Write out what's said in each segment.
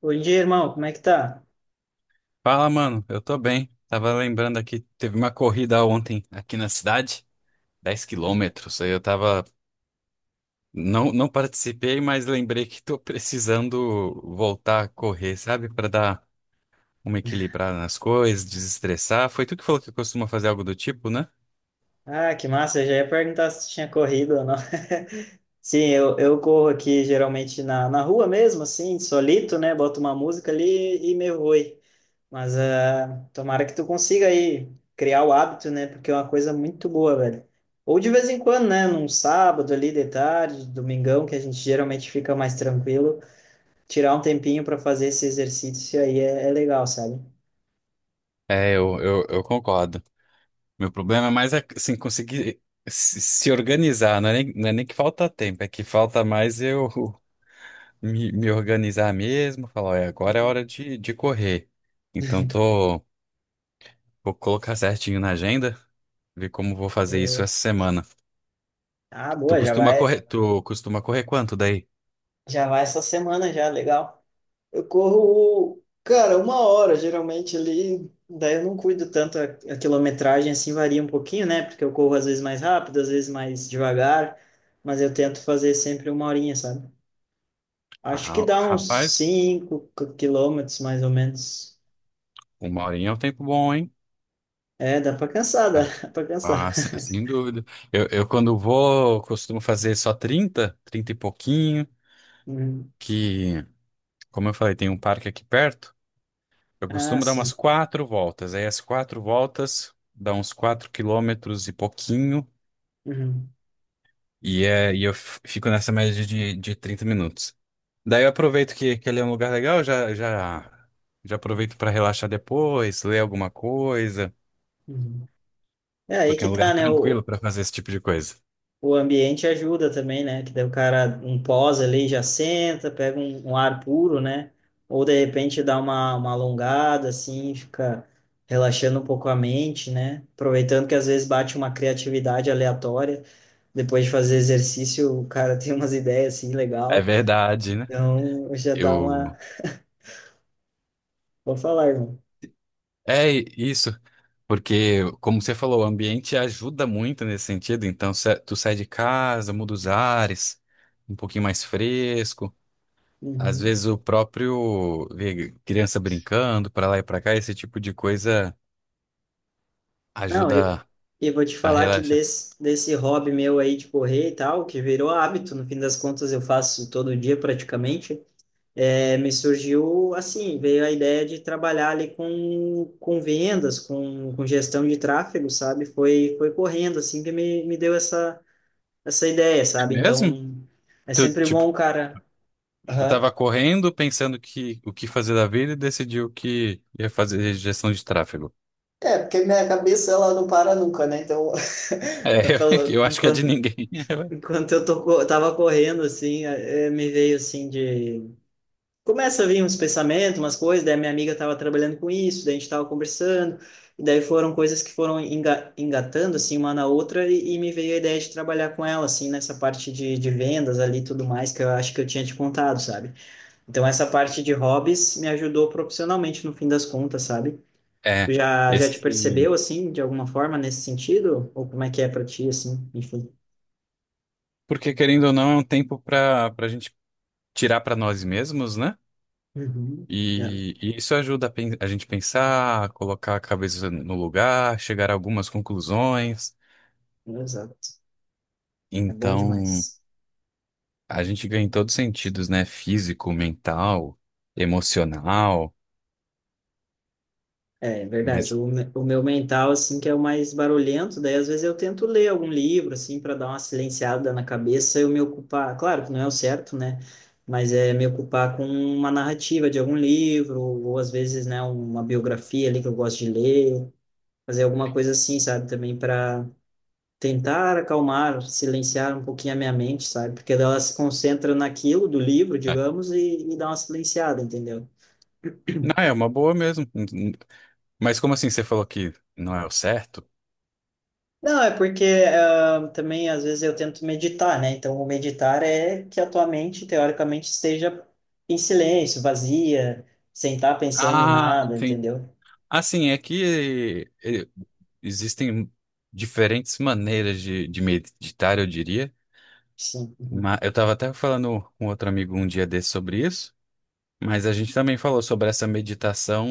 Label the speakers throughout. Speaker 1: Bom dia, irmão. Como é que tá?
Speaker 2: Fala, mano. Eu tô bem. Tava lembrando aqui, teve uma corrida ontem aqui na cidade, 10 quilômetros. Aí eu tava. Não, não participei, mas lembrei que tô precisando voltar a correr, sabe? Pra dar uma equilibrada nas coisas, desestressar. Foi tu que falou que costuma fazer algo do tipo, né?
Speaker 1: Ah, que massa. Eu já ia perguntar se tinha corrido ou não. Sim, eu corro aqui geralmente na rua mesmo, assim, solito, né? Boto uma música ali e me vou. Mas ah, tomara que tu consiga aí criar o hábito, né? Porque é uma coisa muito boa, velho. Ou de vez em quando, né? Num sábado ali de tarde, domingão, que a gente geralmente fica mais tranquilo, tirar um tempinho para fazer esse exercício aí é legal, sabe?
Speaker 2: Eu concordo. Meu problema é mais assim, conseguir se organizar. Não é nem que falta tempo, é que falta mais eu. Me organizar mesmo, falar, olha, agora é
Speaker 1: Uhum.
Speaker 2: hora de correr. Então tô, vou colocar certinho na agenda, ver como vou fazer isso
Speaker 1: Boa.
Speaker 2: essa semana.
Speaker 1: Ah,
Speaker 2: Tu
Speaker 1: boa, já
Speaker 2: costuma
Speaker 1: vai.
Speaker 2: correr, tu costuma correr quanto daí?
Speaker 1: Já vai essa semana já, legal. Eu corro, cara, uma hora geralmente ali, daí eu não cuido tanto a quilometragem, assim varia um pouquinho, né? Porque eu corro às vezes mais rápido, às vezes mais devagar, mas eu tento fazer sempre uma horinha, sabe? Acho que
Speaker 2: Ah,
Speaker 1: dá uns
Speaker 2: rapaz,
Speaker 1: 5 quilômetros mais ou menos.
Speaker 2: uma horinha é um tempo bom, hein?
Speaker 1: É, dá pra cansar, dá
Speaker 2: Ah,
Speaker 1: dá pra cansar.
Speaker 2: Sem dúvida. Eu quando vou, costumo fazer só 30, 30 e pouquinho,
Speaker 1: Uhum.
Speaker 2: que, como eu falei, tem um parque aqui perto. Eu
Speaker 1: Ah,
Speaker 2: costumo dar umas
Speaker 1: sim.
Speaker 2: quatro voltas. Aí as quatro voltas dá uns 4 quilômetros e pouquinho.
Speaker 1: Uhum.
Speaker 2: E, é, fico nessa média de 30 minutos. Daí eu aproveito que ele é um lugar legal, já aproveito para relaxar depois, ler alguma coisa,
Speaker 1: Uhum. É aí
Speaker 2: porque é
Speaker 1: que
Speaker 2: um lugar
Speaker 1: tá, né?
Speaker 2: tranquilo para fazer esse tipo de coisa.
Speaker 1: O ambiente ajuda também, né? Que daí o cara, um pós ali, já senta, pega um ar puro, né? Ou de repente dá uma alongada, assim, fica relaxando um pouco a mente, né? Aproveitando que às vezes bate uma criatividade aleatória. Depois de fazer exercício, o cara tem umas ideias, assim,
Speaker 2: É
Speaker 1: legal.
Speaker 2: verdade, né?
Speaker 1: Então, já dá
Speaker 2: Eu.
Speaker 1: uma... Vou falar, irmão.
Speaker 2: Isso, porque, como você falou, o ambiente ajuda muito nesse sentido. Então, tu sai de casa, muda os ares, um pouquinho mais fresco. Às
Speaker 1: Uhum.
Speaker 2: vezes o próprio ver criança brincando para lá e para cá, esse tipo de coisa
Speaker 1: Não,
Speaker 2: ajuda
Speaker 1: eu vou te
Speaker 2: a
Speaker 1: falar que
Speaker 2: relaxar.
Speaker 1: desse hobby meu aí de correr e tal, que virou hábito, no fim das contas eu faço todo dia praticamente, é, me surgiu assim, veio a ideia de trabalhar ali com vendas, com gestão de tráfego, sabe? Foi correndo assim que me deu essa ideia,
Speaker 2: É
Speaker 1: sabe?
Speaker 2: mesmo?
Speaker 1: Então, é
Speaker 2: Tu,
Speaker 1: sempre
Speaker 2: tipo,
Speaker 1: bom, cara.
Speaker 2: tu
Speaker 1: Aham.
Speaker 2: tava correndo, pensando que o que fazer da vida e decidiu que ia fazer gestão de tráfego.
Speaker 1: É, porque minha cabeça ela não para nunca, né? Então,
Speaker 2: É,
Speaker 1: Eu
Speaker 2: eu acho que é de
Speaker 1: Enquanto,
Speaker 2: ninguém.
Speaker 1: enquanto eu tô, tava correndo, assim, me veio assim de começa a vir uns pensamentos, umas coisas, daí a minha amiga estava trabalhando com isso, daí a gente estava conversando, e daí foram coisas que foram engatando, assim, uma na outra, e me veio a ideia de trabalhar com ela, assim, nessa parte de vendas ali e tudo mais, que eu acho que eu tinha te contado, sabe? Então, essa parte de hobbies me ajudou profissionalmente, no fim das contas, sabe? Tu
Speaker 2: É,
Speaker 1: já te
Speaker 2: esse.
Speaker 1: percebeu, assim, de alguma forma, nesse sentido? Ou como é que é para ti, assim, enfim?
Speaker 2: Porque querendo ou não, é um tempo para a gente tirar para nós mesmos, né?
Speaker 1: Uhum. É,
Speaker 2: E isso ajuda a gente pensar, colocar a cabeça no lugar, chegar a algumas conclusões.
Speaker 1: exato. É bom
Speaker 2: Então,
Speaker 1: demais.
Speaker 2: a gente ganha em todos os sentidos, né? Físico, mental, emocional.
Speaker 1: É, é verdade.
Speaker 2: Mas
Speaker 1: O, o meu mental, assim, que é o mais barulhento, daí às vezes eu tento ler algum livro, assim, para dar uma silenciada na cabeça, eu me ocupar, claro que não é o certo, né? Mas é me ocupar com uma narrativa de algum livro, ou às vezes, né, uma biografia ali que eu gosto de ler, fazer alguma coisa assim, sabe? Também para tentar acalmar, silenciar um pouquinho a minha mente, sabe? Porque ela se concentra naquilo do livro,
Speaker 2: é.
Speaker 1: digamos, e dá uma silenciada, entendeu?
Speaker 2: Não, é uma boa mesmo. Mas como assim você falou que não é o certo?
Speaker 1: Não, é porque ah, também às vezes eu tento meditar, né? Então, o meditar é que a tua mente, teoricamente, esteja em silêncio, vazia, sem estar pensando em
Speaker 2: Ah,
Speaker 1: nada,
Speaker 2: entendi.
Speaker 1: entendeu?
Speaker 2: Assim, é que eh, existem diferentes maneiras de meditar, eu diria.
Speaker 1: Sim. Uhum.
Speaker 2: Eu estava até falando com outro amigo um dia desse sobre isso, mas a gente também falou sobre essa meditação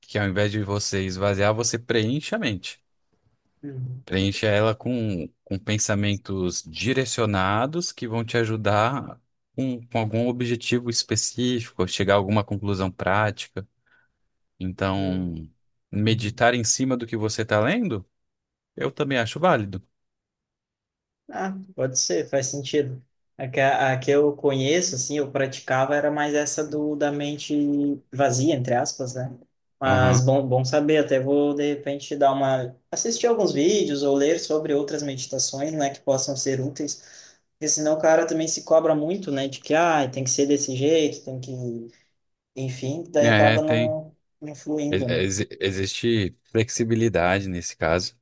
Speaker 2: que ao invés de você esvaziar, você preenche a mente.
Speaker 1: Uhum.
Speaker 2: Preencha ela com pensamentos direcionados que vão te ajudar com algum objetivo específico, chegar a alguma conclusão prática.
Speaker 1: Uhum.
Speaker 2: Então,
Speaker 1: Uhum.
Speaker 2: meditar em cima do que você está lendo, eu também acho válido.
Speaker 1: Ah, pode ser, faz sentido. A que eu conheço, assim, eu praticava era mais essa do da mente vazia, entre aspas, né? Mas
Speaker 2: Aham.
Speaker 1: bom, bom saber, até vou de repente dar uma assistir alguns vídeos ou ler sobre outras meditações, né, que possam ser úteis. Porque senão o cara também se cobra muito, né? De que, ah, tem que ser desse jeito, tem que... Enfim, daí
Speaker 2: É,
Speaker 1: acaba
Speaker 2: tem.
Speaker 1: não
Speaker 2: ex-
Speaker 1: influindo, né?
Speaker 2: Existe flexibilidade nesse caso.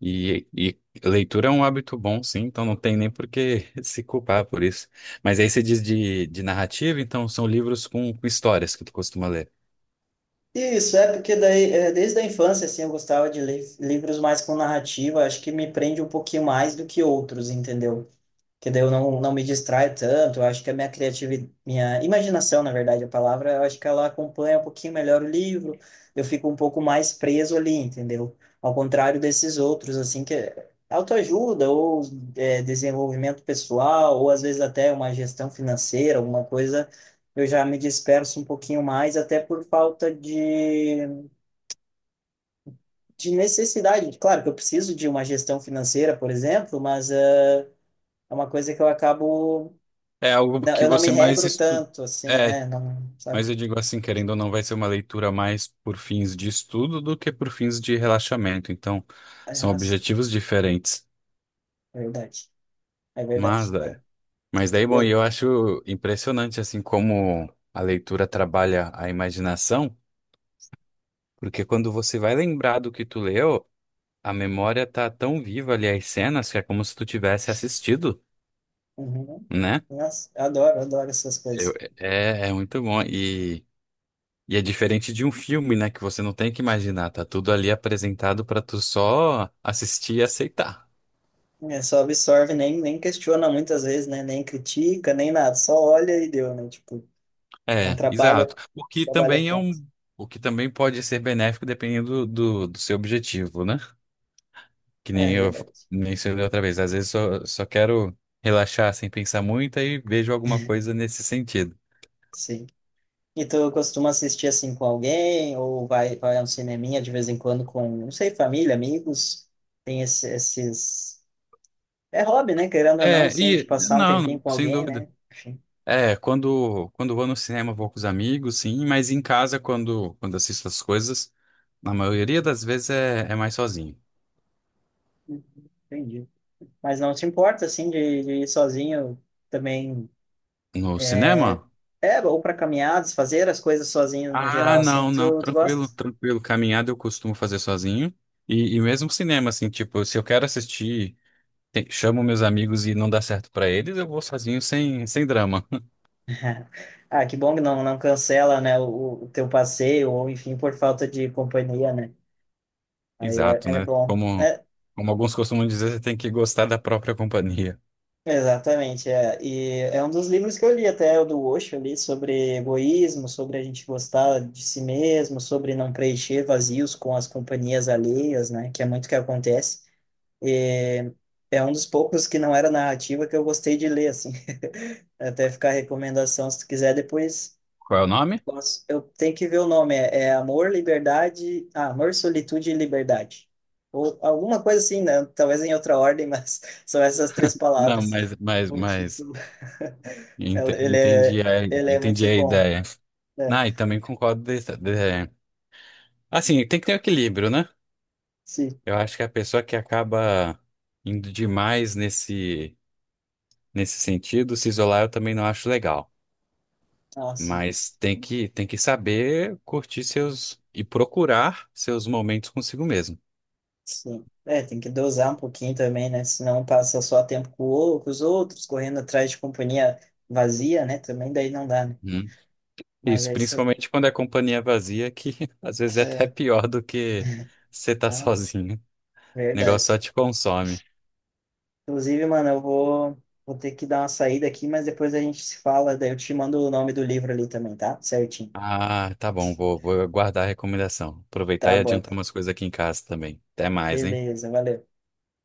Speaker 2: E leitura é um hábito bom, sim, então não tem nem por que se culpar por isso. Mas aí você diz de narrativa, então são livros com histórias que tu costuma ler.
Speaker 1: Isso, é porque daí, é, desde a infância, assim, eu gostava de ler livros mais com narrativa, acho que me prende um pouquinho mais do que outros, entendeu? Que daí eu não me distrai tanto. Eu acho que a minha criatividade, minha imaginação, na verdade, a palavra, eu acho que ela acompanha um pouquinho melhor o livro. Eu fico um pouco mais preso ali, entendeu? Ao contrário desses outros, assim, que é autoajuda ou é, desenvolvimento pessoal, ou às vezes até uma gestão financeira, alguma coisa, eu já me disperso um pouquinho mais, até por falta de necessidade. Claro que eu preciso de uma gestão financeira, por exemplo, mas eh, é uma coisa que eu acabo.
Speaker 2: É algo
Speaker 1: Não,
Speaker 2: que
Speaker 1: eu não me
Speaker 2: você mais
Speaker 1: regro
Speaker 2: estuda.
Speaker 1: tanto, assim,
Speaker 2: É,
Speaker 1: é, não, sabe?
Speaker 2: mas eu digo assim, querendo ou não, vai ser uma leitura mais por fins de estudo do que por fins de relaxamento. Então, são
Speaker 1: É sim,
Speaker 2: objetivos diferentes.
Speaker 1: é verdade, é
Speaker 2: Mas,
Speaker 1: verdade. É.
Speaker 2: é. Mas daí, bom, e
Speaker 1: Eu,
Speaker 2: eu acho impressionante, assim, como a leitura trabalha a imaginação, porque quando você vai lembrar do que tu leu, a memória tá tão viva ali as cenas que é como se tu tivesse assistido,
Speaker 1: uhum.
Speaker 2: né?
Speaker 1: Nossa, eu adoro essas coisas.
Speaker 2: É, é muito bom. E é diferente de um filme, né? Que você não tem que imaginar, tá tudo ali apresentado pra tu só assistir e aceitar.
Speaker 1: É, só absorve, nem questiona muitas vezes, né? Nem critica, nem nada, só olha e deu, né? Tipo, não
Speaker 2: É,
Speaker 1: trabalha,
Speaker 2: exato.
Speaker 1: trabalha tanto.
Speaker 2: O que também pode ser benéfico dependendo do seu objetivo, né? Que
Speaker 1: É
Speaker 2: nem eu
Speaker 1: verdade,
Speaker 2: mencionei outra vez. Às vezes só quero relaxar sem pensar muito e vejo alguma coisa nesse sentido.
Speaker 1: sim. E tu costuma assistir assim com alguém, ou vai a um cineminha de vez em quando com, não sei, família, amigos? Tem esses é hobby, né? Querendo ou não,
Speaker 2: É,
Speaker 1: assim, a gente
Speaker 2: e
Speaker 1: passar um
Speaker 2: não,
Speaker 1: tempinho
Speaker 2: não,
Speaker 1: com
Speaker 2: sem
Speaker 1: alguém,
Speaker 2: dúvida.
Speaker 1: né? Enfim,
Speaker 2: É, quando vou no cinema, vou com os amigos, sim, mas em casa, quando assisto as coisas, na maioria das vezes é mais sozinho.
Speaker 1: entendi. Mas não te importa, assim, de ir sozinho também.
Speaker 2: No cinema?
Speaker 1: É, ou para caminhadas, fazer as coisas sozinho no
Speaker 2: Ah,
Speaker 1: geral, assim,
Speaker 2: não, não,
Speaker 1: tu
Speaker 2: tranquilo,
Speaker 1: gosta?
Speaker 2: tranquilo. Caminhada eu costumo fazer sozinho. E mesmo cinema, assim, tipo, se eu quero assistir, chamo meus amigos e não dá certo pra eles, eu vou sozinho sem drama.
Speaker 1: Ah, que bom que não cancela, né, o teu passeio, ou enfim, por falta de companhia, né? Aí é,
Speaker 2: Exato,
Speaker 1: é
Speaker 2: né?
Speaker 1: bom.
Speaker 2: Como,
Speaker 1: É,
Speaker 2: como alguns costumam dizer, você tem que gostar da própria companhia.
Speaker 1: exatamente, é. E é um dos livros que eu li até, o do Osho ali, sobre egoísmo, sobre a gente gostar de si mesmo, sobre não preencher vazios com as companhias alheias, né, que é muito que acontece. E é um dos poucos que não era narrativa que eu gostei de ler, assim. Até ficar a recomendação, se tu quiser depois.
Speaker 2: Qual é o nome?
Speaker 1: Nossa, eu tenho que ver o nome. É, é Amor, Liberdade. Ah, Amor, Solitude e Liberdade. Ou alguma coisa assim, né? Talvez em outra ordem, mas são essas três
Speaker 2: Não,
Speaker 1: palavras.
Speaker 2: mas,
Speaker 1: O
Speaker 2: mas.
Speaker 1: título.
Speaker 2: Entendi a,
Speaker 1: Ele é
Speaker 2: entendi
Speaker 1: muito
Speaker 2: a
Speaker 1: bom,
Speaker 2: ideia.
Speaker 1: né?
Speaker 2: Ah, e também concordo. Assim, tem que ter um equilíbrio, né?
Speaker 1: Sim.
Speaker 2: Eu acho que a pessoa que acaba indo demais nesse sentido, se isolar, eu também não acho legal.
Speaker 1: Ah, sim.
Speaker 2: Mas tem que saber curtir seus e procurar seus momentos consigo mesmo.
Speaker 1: Sim. É, tem que dosar um pouquinho também, né? Senão passa só tempo com, com os outros, correndo atrás de companhia vazia, né? Também daí não dá, né?
Speaker 2: Uhum.
Speaker 1: Mas
Speaker 2: Isso,
Speaker 1: é isso aí.
Speaker 2: principalmente quando é companhia vazia, que às vezes é até
Speaker 1: É,
Speaker 2: pior do que você tá
Speaker 1: ah,
Speaker 2: sozinho. O negócio só
Speaker 1: verdade.
Speaker 2: te consome.
Speaker 1: Inclusive, mano, eu vou, vou ter que dar uma saída aqui, mas depois a gente se fala, daí eu te mando o nome do livro ali também, tá? Certinho.
Speaker 2: Ah, tá bom, vou guardar a recomendação. Aproveitar
Speaker 1: Tá
Speaker 2: e
Speaker 1: bom,
Speaker 2: adiantar
Speaker 1: então.
Speaker 2: umas coisas aqui em casa também. Até mais, hein?
Speaker 1: Beleza, valeu.